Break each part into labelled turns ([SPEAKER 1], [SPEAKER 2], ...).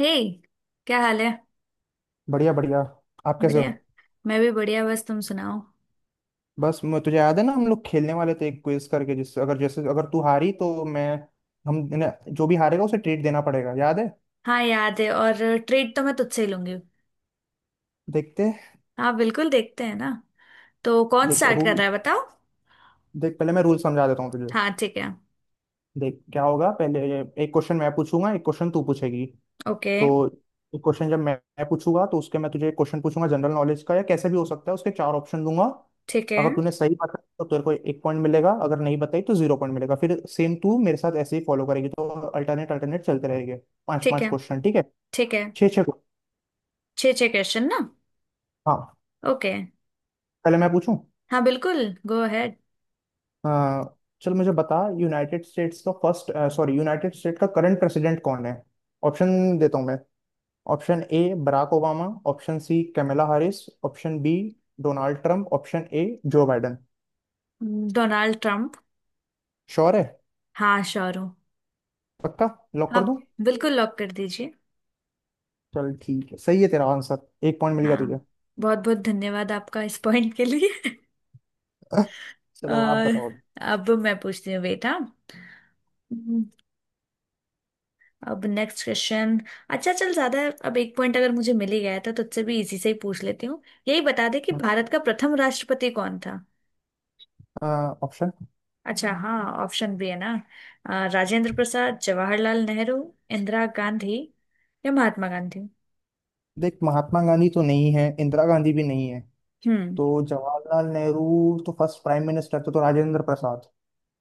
[SPEAKER 1] हे, क्या हाल है।
[SPEAKER 2] बढ़िया बढ़िया। आप कैसे हो?
[SPEAKER 1] बढ़िया। मैं भी बढ़िया, बस तुम सुनाओ।
[SPEAKER 2] बस, मैं तुझे याद है ना, हम लोग खेलने वाले थे एक क्विज करके, जिससे अगर जैसे अगर तू हारी तो मैं, हम न- जो भी हारेगा उसे ट्रीट देना पड़ेगा, याद है?
[SPEAKER 1] हाँ याद है, और ट्रीट तो मैं तुझसे ही लूंगी।
[SPEAKER 2] देखते।
[SPEAKER 1] हाँ बिल्कुल, देखते हैं ना। तो कौन
[SPEAKER 2] देख
[SPEAKER 1] स्टार्ट कर
[SPEAKER 2] रूल,
[SPEAKER 1] रहा है, बताओ?
[SPEAKER 2] देख, पहले मैं रूल समझा देता हूँ तुझे।
[SPEAKER 1] हाँ ठीक है।
[SPEAKER 2] देख क्या होगा पहले। एक क्वेश्चन मैं पूछूंगा, एक क्वेश्चन तू पूछेगी।
[SPEAKER 1] ओके।
[SPEAKER 2] तो क्वेश्चन जब मैं पूछूंगा, तो उसके मैं तुझे क्वेश्चन पूछूंगा जनरल नॉलेज का, या कैसे भी हो सकता है, उसके चार ऑप्शन दूंगा।
[SPEAKER 1] ठीक है
[SPEAKER 2] अगर तूने सही बताया तो तेरे को एक पॉइंट मिलेगा, अगर नहीं बताई तो जीरो पॉइंट मिलेगा। फिर सेम तू मेरे साथ ऐसे ही फॉलो करेगी, तो अल्टरनेट अल्टरनेट चलते रहेंगे। पांच
[SPEAKER 1] ठीक
[SPEAKER 2] पांच
[SPEAKER 1] है
[SPEAKER 2] क्वेश्चन, ठीक है?
[SPEAKER 1] ठीक है।
[SPEAKER 2] छः छः को-
[SPEAKER 1] छः छः क्वेश्चन ना?
[SPEAKER 2] हाँ।
[SPEAKER 1] ओके।
[SPEAKER 2] पहले मैं पूछूं?
[SPEAKER 1] हाँ बिल्कुल, गो अहेड।
[SPEAKER 2] अ, चल, मुझे बता, यूनाइटेड स्टेट्स का फर्स्ट, सॉरी, यूनाइटेड स्टेट का करंट प्रेसिडेंट कौन है? ऑप्शन देता हूँ मैं। Option A Barack Obama, option C Kamala Harris, option B Donald Trump, option A Joe Biden.
[SPEAKER 1] Donald Trump.
[SPEAKER 2] Sure है?
[SPEAKER 1] हाँ श्योर हूँ।
[SPEAKER 2] पक्का? लॉक कर
[SPEAKER 1] आप
[SPEAKER 2] दूं?
[SPEAKER 1] बिल्कुल लॉक कर दीजिए।
[SPEAKER 2] चल ठीक है, सही है तेरा आंसर, एक पॉइंट मिल गया तुझे।
[SPEAKER 1] हाँ, बहुत बहुत धन्यवाद आपका इस पॉइंट के लिए।
[SPEAKER 2] चलो, आप
[SPEAKER 1] और
[SPEAKER 2] बताओ।
[SPEAKER 1] अब मैं पूछती हूँ बेटा। अब नेक्स्ट क्वेश्चन। अच्छा चल, ज्यादा अब एक पॉइंट अगर मुझे मिल ही गया था तो तुझसे भी इजी से ही पूछ लेती हूँ। यही बता दे कि भारत का प्रथम राष्ट्रपति कौन था?
[SPEAKER 2] ऑप्शन।
[SPEAKER 1] अच्छा हाँ, ऑप्शन भी है ना। राजेंद्र प्रसाद, जवाहरलाल नेहरू, इंदिरा गांधी या महात्मा गांधी?
[SPEAKER 2] देख, महात्मा गांधी तो नहीं है, इंदिरा गांधी भी नहीं है।
[SPEAKER 1] हम्म।
[SPEAKER 2] तो जवाहरलाल नेहरू तो फर्स्ट प्राइम मिनिस्टर थे, तो राजेंद्र प्रसाद।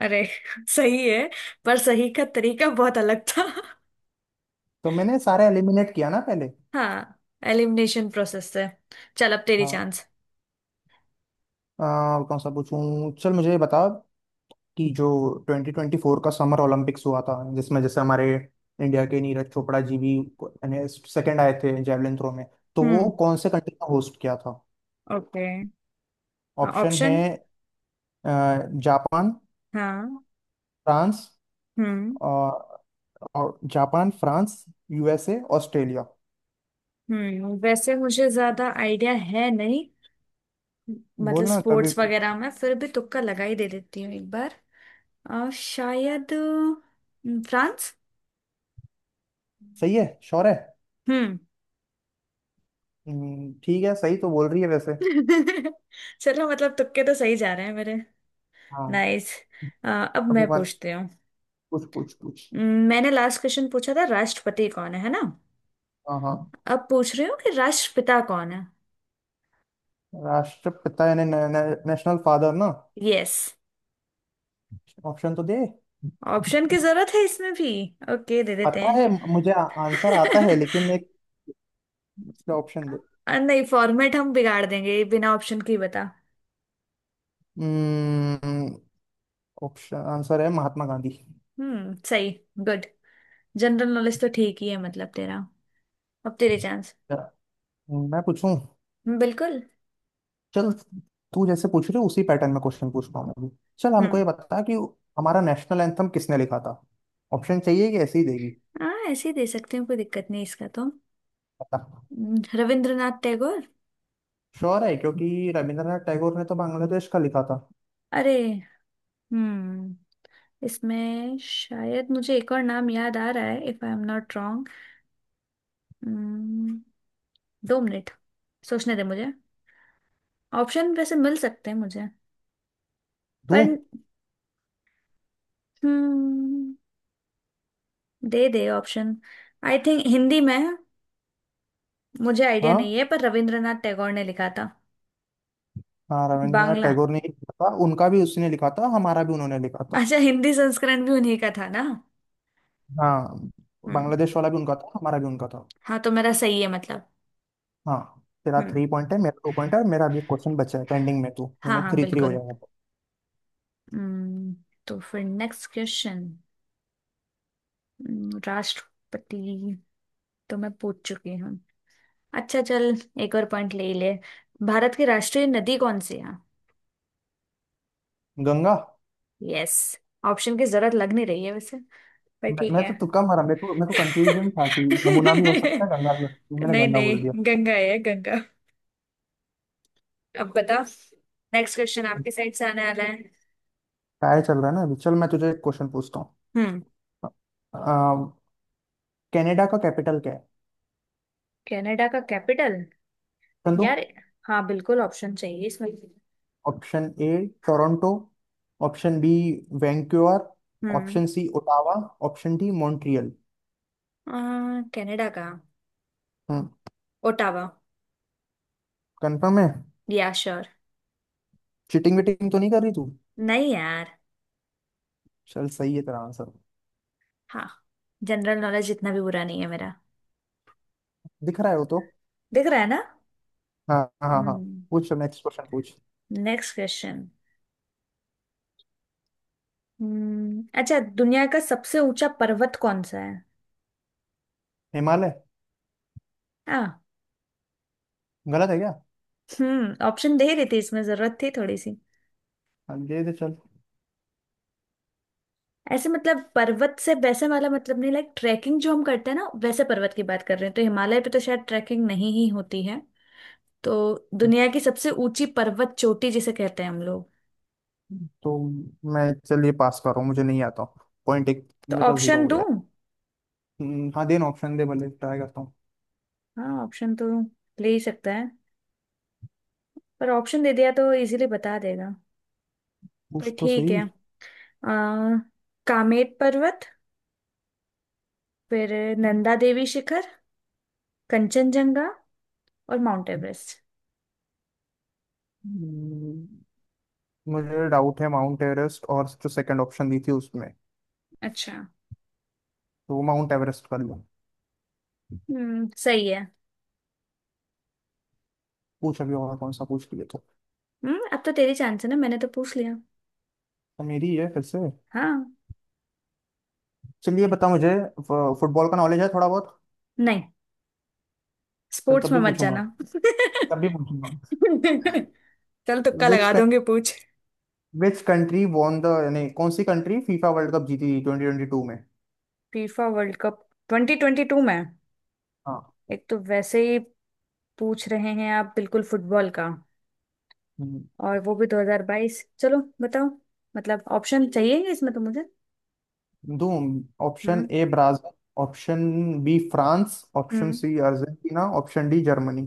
[SPEAKER 1] अरे, सही है। पर सही का तरीका बहुत अलग था।
[SPEAKER 2] तो मैंने सारे एलिमिनेट किया ना पहले।
[SPEAKER 1] हाँ, एलिमिनेशन प्रोसेस से। चल अब तेरी
[SPEAKER 2] हाँ।
[SPEAKER 1] चांस।
[SPEAKER 2] अ, कौन सा पूछूं, चल मुझे ये बता कि जो 2024 का समर ओलंपिक्स हुआ था, जिसमें जैसे हमारे इंडिया के नीरज चोपड़ा जी भी सेकंड आए थे जेवलिन थ्रो में, तो वो
[SPEAKER 1] हम्म।
[SPEAKER 2] कौन से कंट्री का होस्ट किया था?
[SPEAKER 1] ओके।
[SPEAKER 2] ऑप्शन है।
[SPEAKER 1] ऑप्शन।
[SPEAKER 2] अ, जापान,
[SPEAKER 1] हाँ, option? हाँ।
[SPEAKER 2] फ्रांस।
[SPEAKER 1] हम्म।
[SPEAKER 2] और, और जापान, फ्रांस, यूएसए, ऑस्ट्रेलिया।
[SPEAKER 1] हम्म, वैसे मुझे ज्यादा आइडिया है नहीं। मतलब
[SPEAKER 2] बोलना कभी।
[SPEAKER 1] स्पोर्ट्स वगैरह में, फिर भी तुक्का लगा ही दे देती हूँ एक बार। शायद फ्रांस।
[SPEAKER 2] सही है? श्योर है?
[SPEAKER 1] हम्म।
[SPEAKER 2] ठीक है, सही तो बोल रही है वैसे।
[SPEAKER 1] चलो, मतलब तुक्के तो सही जा रहे हैं मेरे।
[SPEAKER 2] हाँ।
[SPEAKER 1] नाइस। अब
[SPEAKER 2] अभी
[SPEAKER 1] मैं
[SPEAKER 2] वन।
[SPEAKER 1] पूछती हूँ।
[SPEAKER 2] कुछ कुछ कुछ।
[SPEAKER 1] मैंने लास्ट क्वेश्चन पूछा था राष्ट्रपति कौन है ना?
[SPEAKER 2] हाँ हाँ।
[SPEAKER 1] अब पूछ रही हूँ कि राष्ट्रपिता कौन है।
[SPEAKER 2] राष्ट्रपिता यानी नेशनल फादर ना?
[SPEAKER 1] यस।
[SPEAKER 2] ऑप्शन तो दे।
[SPEAKER 1] ऑप्शन की जरूरत है इसमें भी? ओके दे देते
[SPEAKER 2] पता है मुझे, आंसर आता है,
[SPEAKER 1] हैं।
[SPEAKER 2] लेकिन एक ऑप्शन दे।
[SPEAKER 1] अ, नहीं, फॉर्मेट हम बिगाड़ देंगे, ये बिना ऑप्शन के ही बता।
[SPEAKER 2] ऑप्शन। आंसर है महात्मा गांधी।
[SPEAKER 1] सही। गुड। जनरल नॉलेज तो ठीक ही है मतलब तेरा। अब तेरे चांस।
[SPEAKER 2] मैं पूछूं?
[SPEAKER 1] बिल्कुल।
[SPEAKER 2] चल, तू जैसे पूछ रही हो उसी पैटर्न में क्वेश्चन पूछता हूँ मैं भी। चल, हमको
[SPEAKER 1] हम्म।
[SPEAKER 2] ये बता कि हमारा नेशनल एंथम किसने लिखा था। ऑप्शन चाहिए कि ऐसे ही देगी?
[SPEAKER 1] हाँ ऐसे ही दे सकते हैं, कोई दिक्कत नहीं इसका तो।
[SPEAKER 2] पता।
[SPEAKER 1] रविंद्रनाथ टैगोर।
[SPEAKER 2] श्योर है? क्योंकि रविंद्रनाथ टैगोर ने तो बांग्लादेश का लिखा था।
[SPEAKER 1] अरे। हम्म। इसमें शायद मुझे एक और नाम याद आ रहा है, if I am not wrong. दो मिनट, सोचने दे मुझे। ऑप्शन वैसे मिल सकते हैं मुझे पर।
[SPEAKER 2] दूं?
[SPEAKER 1] हम्म, दे दे ऑप्शन। आई थिंक हिंदी में मुझे आइडिया नहीं
[SPEAKER 2] हाँ
[SPEAKER 1] है, पर रविंद्रनाथ टैगोर ने लिखा था।
[SPEAKER 2] हाँ, रविंद्रनाथ
[SPEAKER 1] बांग्ला।
[SPEAKER 2] टैगोर ने ही लिखा था, उनका भी उसने लिखा था, हमारा भी उन्होंने लिखा था।
[SPEAKER 1] अच्छा, हिंदी संस्करण भी उन्हीं का था ना?
[SPEAKER 2] हाँ,
[SPEAKER 1] हम्म।
[SPEAKER 2] बांग्लादेश वाला भी उनका था, हमारा भी उनका था।
[SPEAKER 1] हाँ तो मेरा सही है मतलब।
[SPEAKER 2] हाँ, तेरा
[SPEAKER 1] हम्म।
[SPEAKER 2] थ्री पॉइंट है, मेरा टू पॉइंट है, और मेरा अभी क्वेश्चन बचा है पेंडिंग में, तू,
[SPEAKER 1] हाँ
[SPEAKER 2] मैंने
[SPEAKER 1] हाँ
[SPEAKER 2] थ्री थ्री हो
[SPEAKER 1] बिल्कुल।
[SPEAKER 2] जाएगा।
[SPEAKER 1] हम्म। तो फिर नेक्स्ट क्वेश्चन। राष्ट्रपति तो मैं पूछ चुकी हूँ। अच्छा चल, एक और पॉइंट ले ही ले। भारत की राष्ट्रीय नदी कौन सी है?
[SPEAKER 2] गंगा।
[SPEAKER 1] यस। ऑप्शन की जरूरत लग नहीं रही है वैसे, पर
[SPEAKER 2] मैं,
[SPEAKER 1] ठीक
[SPEAKER 2] मैं
[SPEAKER 1] है।
[SPEAKER 2] तो तुक्का मारा, मेरे को कंफ्यूजन था कि यमुना भी हो सकता है, गंगा भी हो सकती है, मैंने
[SPEAKER 1] नहीं
[SPEAKER 2] गंगा बोल दिया।
[SPEAKER 1] नहीं। गंगा है गंगा। अब बता, नेक्स्ट क्वेश्चन आपके साइड से आने वाला है।
[SPEAKER 2] टाई चल रहा है ना अभी, चल मैं तुझे एक क्वेश्चन पूछता हूँ।
[SPEAKER 1] हम्म।
[SPEAKER 2] अ, कनाडा का कैपिटल क्या है?
[SPEAKER 1] कनाडा का कैपिटल?
[SPEAKER 2] ऑप्शन दो।
[SPEAKER 1] यार। हाँ बिल्कुल, ऑप्शन चाहिए इसमें।
[SPEAKER 2] Option A Toronto, option B Vancouver,
[SPEAKER 1] हम्म।
[SPEAKER 2] Option C Ottawa, option D Montreal.
[SPEAKER 1] आ, कनाडा का
[SPEAKER 2] हम्म।
[SPEAKER 1] ओटावा।
[SPEAKER 2] कंफर्म है?
[SPEAKER 1] या श्योर।
[SPEAKER 2] चीटिंग वीटिंग तो नहीं कर रही तू?
[SPEAKER 1] नहीं यार।
[SPEAKER 2] चल सही है तेरा आंसर।
[SPEAKER 1] हाँ। जनरल नॉलेज इतना भी बुरा नहीं है मेरा।
[SPEAKER 2] दिख रहा है वो तो।
[SPEAKER 1] दिख रहा है ना।
[SPEAKER 2] हाँ हाँ हाँ।
[SPEAKER 1] हम्म।
[SPEAKER 2] पूछ, नेक्स्ट क्वेश्चन पूछ।
[SPEAKER 1] Next question. हम्म, अच्छा, दुनिया का सबसे ऊंचा पर्वत कौन सा है?
[SPEAKER 2] हिमालय।
[SPEAKER 1] आ।
[SPEAKER 2] गलत है क्या?
[SPEAKER 1] हम्म, ऑप्शन दे रही थी, इसमें जरूरत थी थोड़ी सी।
[SPEAKER 2] हाँ, ये दे चल।
[SPEAKER 1] ऐसे मतलब, पर्वत से वैसे वाला मतलब नहीं, लाइक ट्रैकिंग जो हम करते हैं ना वैसे पर्वत की बात कर रहे हैं, तो हिमालय पे तो शायद ट्रैकिंग नहीं ही होती है। तो दुनिया की सबसे ऊंची पर्वत चोटी जिसे कहते हैं हम लोग।
[SPEAKER 2] तो मैं चलिए पास कर रहा हूँ, मुझे नहीं आता। पॉइंट एक
[SPEAKER 1] तो
[SPEAKER 2] मेरा जीरो
[SPEAKER 1] ऑप्शन
[SPEAKER 2] हो गया
[SPEAKER 1] दूं?
[SPEAKER 2] है। हाँ देना, ऑप्शन दे भले, ट्राई करता हूँ।
[SPEAKER 1] हाँ, ऑप्शन तो ले ही सकता है, पर ऑप्शन दे दिया तो इजीली बता देगा। पर
[SPEAKER 2] पूछ तो
[SPEAKER 1] ठीक
[SPEAKER 2] सही।
[SPEAKER 1] है। आ, कामेट पर्वत, फिर नंदा देवी शिखर, कंचनजंगा और माउंट एवरेस्ट।
[SPEAKER 2] हम्म, मुझे डाउट है माउंट एवरेस्ट और जो सेकंड ऑप्शन दी थी उसमें।
[SPEAKER 1] अच्छा।
[SPEAKER 2] तो माउंट एवरेस्ट कर लो।
[SPEAKER 1] सही है।
[SPEAKER 2] पूछ अभी और, कौन सा पूछ लिए तो।
[SPEAKER 1] हम्म, अब तो तेरी चांस है ना, मैंने तो पूछ लिया।
[SPEAKER 2] तो मेरी है फिर से।
[SPEAKER 1] हाँ।
[SPEAKER 2] चलिए, बता मुझे, फुटबॉल का नॉलेज है थोड़ा बहुत?
[SPEAKER 1] नहीं,
[SPEAKER 2] चल
[SPEAKER 1] स्पोर्ट्स
[SPEAKER 2] तब
[SPEAKER 1] में
[SPEAKER 2] भी
[SPEAKER 1] मत
[SPEAKER 2] पूछूंगा,
[SPEAKER 1] जाना।
[SPEAKER 2] तब भी पूछूंगा।
[SPEAKER 1] चल तुक्का
[SPEAKER 2] विच
[SPEAKER 1] लगा दूंगी, पूछ।
[SPEAKER 2] विच कंट्री वॉन द, यानी कौन सी कंट्री फीफा वर्ल्ड कप जीती थी 2022 में?
[SPEAKER 1] फीफा वर्ल्ड कप 2022 में?
[SPEAKER 2] हाँ।
[SPEAKER 1] एक तो वैसे ही पूछ रहे हैं आप बिल्कुल फुटबॉल का, और वो भी 2022। चलो बताओ। मतलब ऑप्शन चाहिए इसमें तो मुझे।
[SPEAKER 2] दो। ऑप्शन
[SPEAKER 1] हम्म।
[SPEAKER 2] A Brazil, option B France, option
[SPEAKER 1] हम्म।
[SPEAKER 2] C Argentina, option D Germany.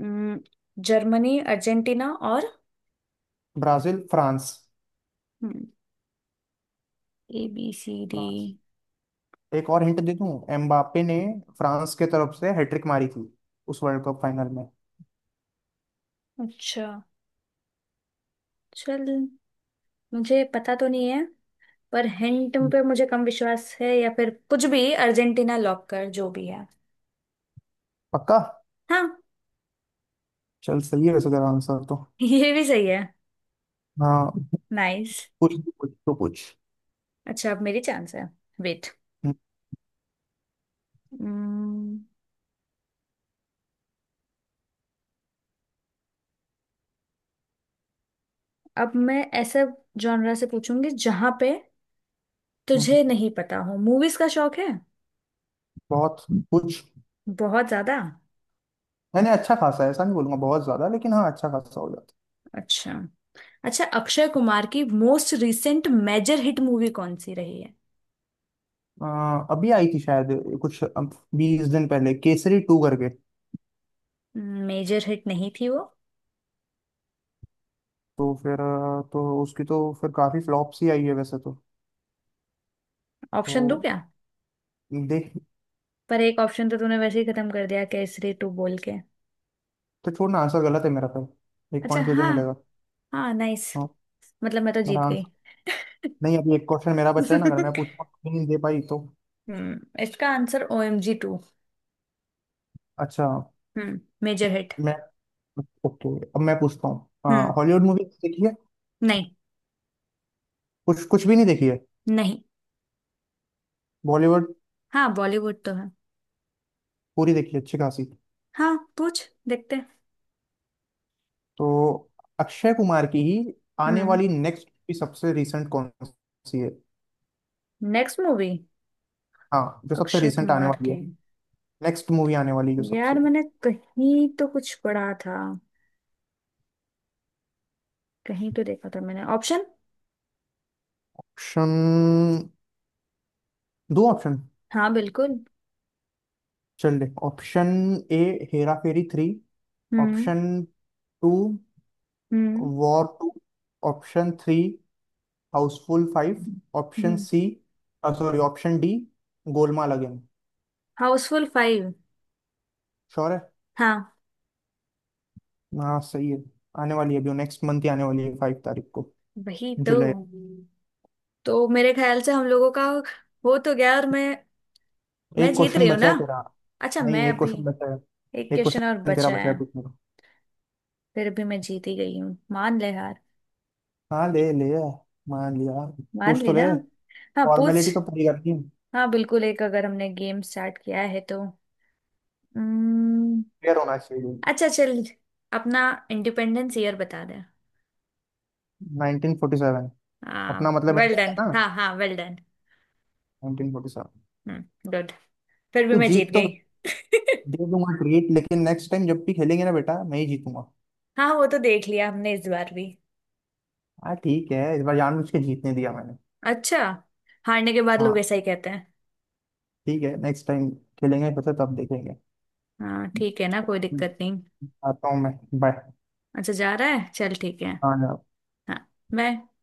[SPEAKER 1] हम्म, जर्मनी, अर्जेंटीना और
[SPEAKER 2] Brazil, France.
[SPEAKER 1] A B C D.
[SPEAKER 2] France. एक और हिंट दे दूं, एम्बापे ने फ्रांस के तरफ से हैट्रिक मारी थी उस वर्ल्ड कप फाइनल में।
[SPEAKER 1] अच्छा चल, मुझे पता तो नहीं है, पर हिंट पे मुझे कम विश्वास है। या फिर कुछ भी, अर्जेंटीना लॉक कर जो भी है।
[SPEAKER 2] पक्का?
[SPEAKER 1] हाँ।
[SPEAKER 2] चल सही है वैसे तेरा आंसर तो।
[SPEAKER 1] ये भी सही है।
[SPEAKER 2] हाँ।
[SPEAKER 1] नाइस।
[SPEAKER 2] पूछ, तू पूछ तो पूछ।
[SPEAKER 1] अच्छा अब मेरी चांस है। वेट, अब मैं ऐसे जॉनरा से पूछूंगी जहां पे
[SPEAKER 2] हम्म,
[SPEAKER 1] तुझे नहीं पता हो। मूवीज का शौक है?
[SPEAKER 2] बहुत। पूछ।
[SPEAKER 1] बहुत ज्यादा?
[SPEAKER 2] नहीं नहीं, अच्छा खासा है, ऐसा नहीं बोलूंगा बहुत ज्यादा, लेकिन हाँ अच्छा खासा हो जाता
[SPEAKER 1] अच्छा। अच्छा, अक्षय कुमार की most recent major hit movie कौन सी रही है?
[SPEAKER 2] है। अभी आई थी शायद कुछ 20 दिन पहले, केसरी टू करके।
[SPEAKER 1] मेजर हिट नहीं थी वो।
[SPEAKER 2] तो फिर तो उसकी तो फिर काफी फ्लॉप सी आई है वैसे तो।
[SPEAKER 1] ऑप्शन दूं
[SPEAKER 2] तो
[SPEAKER 1] क्या?
[SPEAKER 2] देख।
[SPEAKER 1] पर एक ऑप्शन तो तूने वैसे ही खत्म कर दिया केसरी टू बोल के।
[SPEAKER 2] तो छोड़ना, आंसर गलत है मेरा, फिर एक
[SPEAKER 1] अच्छा
[SPEAKER 2] पॉइंट तुझे
[SPEAKER 1] हाँ।
[SPEAKER 2] मिलेगा।
[SPEAKER 1] हाँ नाइस।
[SPEAKER 2] हाँ।
[SPEAKER 1] मतलब मैं तो
[SPEAKER 2] मेरा
[SPEAKER 1] जीत गई।
[SPEAKER 2] आंसर। नहीं, अभी एक क्वेश्चन मेरा बचा है ना, अगर मैं पूछूंगा तो नहीं दे पाई तो।
[SPEAKER 1] हम्म, इसका answer O M G two.
[SPEAKER 2] अच्छा,
[SPEAKER 1] हम्म। Major hit.
[SPEAKER 2] चल, मैं ओके, अब मैं पूछता हूँ,
[SPEAKER 1] हम्म।
[SPEAKER 2] हॉलीवुड मूवी देखी है?
[SPEAKER 1] नहीं।
[SPEAKER 2] कुछ, कुछ भी नहीं देखी है?
[SPEAKER 1] नहीं।
[SPEAKER 2] बॉलीवुड
[SPEAKER 1] हाँ बॉलीवुड तो है।
[SPEAKER 2] पूरी देखी है अच्छी खासी।
[SPEAKER 1] हाँ पूछ, देखते हैं।
[SPEAKER 2] तो अक्षय कुमार की ही आने
[SPEAKER 1] हम्म।
[SPEAKER 2] वाली नेक्स्ट भी सबसे रिसेंट कौन सी है?
[SPEAKER 1] नेक्स्ट मूवी
[SPEAKER 2] हाँ, जो सबसे
[SPEAKER 1] अक्षय
[SPEAKER 2] रिसेंट आने
[SPEAKER 1] कुमार
[SPEAKER 2] वाली है,
[SPEAKER 1] की?
[SPEAKER 2] नेक्स्ट मूवी आने वाली जो सबसे।
[SPEAKER 1] यार मैंने कहीं तो कुछ पढ़ा था, कहीं तो देखा था मैंने। ऑप्शन?
[SPEAKER 2] ऑप्शन दो। ऑप्शन।
[SPEAKER 1] हाँ बिल्कुल।
[SPEAKER 2] चल ले option. A Hera Pheri three,
[SPEAKER 1] हम्म।
[SPEAKER 2] ऑप्शन टू
[SPEAKER 1] हम्म।
[SPEAKER 2] War two, option three Housefull five, option
[SPEAKER 1] हम्म।
[SPEAKER 2] C, sorry, option D Golmaal again.
[SPEAKER 1] Housefull five.
[SPEAKER 2] Sure है?
[SPEAKER 1] हाँ।
[SPEAKER 2] हाँ सही है, आने वाली है, अभी नेक्स्ट मंथ ही आने वाली है, 5 तारीख को,
[SPEAKER 1] वही तो।
[SPEAKER 2] जुलाई।
[SPEAKER 1] तो मेरे ख्याल से हम लोगों का हो तो गया, और मैं
[SPEAKER 2] एक
[SPEAKER 1] जीत रही
[SPEAKER 2] क्वेश्चन
[SPEAKER 1] हूँ
[SPEAKER 2] बचा
[SPEAKER 1] ना?
[SPEAKER 2] है तेरा।
[SPEAKER 1] अच्छा
[SPEAKER 2] नहीं,
[SPEAKER 1] मैं
[SPEAKER 2] एक
[SPEAKER 1] अभी।
[SPEAKER 2] क्वेश्चन बचा है।
[SPEAKER 1] एक
[SPEAKER 2] एक
[SPEAKER 1] क्वेश्चन और
[SPEAKER 2] क्वेश्चन तेरा
[SPEAKER 1] बचा
[SPEAKER 2] बचा
[SPEAKER 1] है।
[SPEAKER 2] है पूछने को।
[SPEAKER 1] फिर भी मैं जीत ही गई हूँ, मान ले हार।
[SPEAKER 2] हाँ, ले लिया, मान लिया।
[SPEAKER 1] मान
[SPEAKER 2] पूछ
[SPEAKER 1] ली
[SPEAKER 2] तो ले।
[SPEAKER 1] ना। हाँ पूछ।
[SPEAKER 2] फॉर्मेलिटी तो पूरी करनी है,
[SPEAKER 1] हाँ बिल्कुल, एक अगर हमने गेम स्टार्ट किया है तो। हम्म।
[SPEAKER 2] क्लियर होना चाहिए।
[SPEAKER 1] अच्छा चल, अपना इंडिपेंडेंस ईयर बता दे।
[SPEAKER 2] 1947। अपना
[SPEAKER 1] हाँ
[SPEAKER 2] मतलब
[SPEAKER 1] वेल
[SPEAKER 2] इंडिया
[SPEAKER 1] डन।
[SPEAKER 2] था ना,
[SPEAKER 1] हाँ हाँ वेल डन।
[SPEAKER 2] 1947।
[SPEAKER 1] गुड। फिर भी
[SPEAKER 2] तू
[SPEAKER 1] मैं जीत
[SPEAKER 2] जीत तो
[SPEAKER 1] गई।
[SPEAKER 2] दे दूंगा ट्रीट, लेकिन नेक्स्ट टाइम जब भी खेलेंगे ना बेटा, मैं ही जीतूंगा।
[SPEAKER 1] हाँ वो तो देख लिया हमने इस बार भी।
[SPEAKER 2] हाँ ठीक है, इस बार जानबूझ के जीतने दिया मैंने।
[SPEAKER 1] अच्छा, हारने के बाद लोग
[SPEAKER 2] हाँ
[SPEAKER 1] ऐसा ही कहते हैं।
[SPEAKER 2] ठीक है, नेक्स्ट टाइम खेलेंगे फिर से, तब देखेंगे।
[SPEAKER 1] हाँ ठीक है ना, कोई दिक्कत
[SPEAKER 2] हम्म,
[SPEAKER 1] नहीं।
[SPEAKER 2] आता हूँ मैं। बाय।
[SPEAKER 1] अच्छा जा रहा है, चल ठीक है।
[SPEAKER 2] हाँ, बाय।
[SPEAKER 1] हाँ। मैं।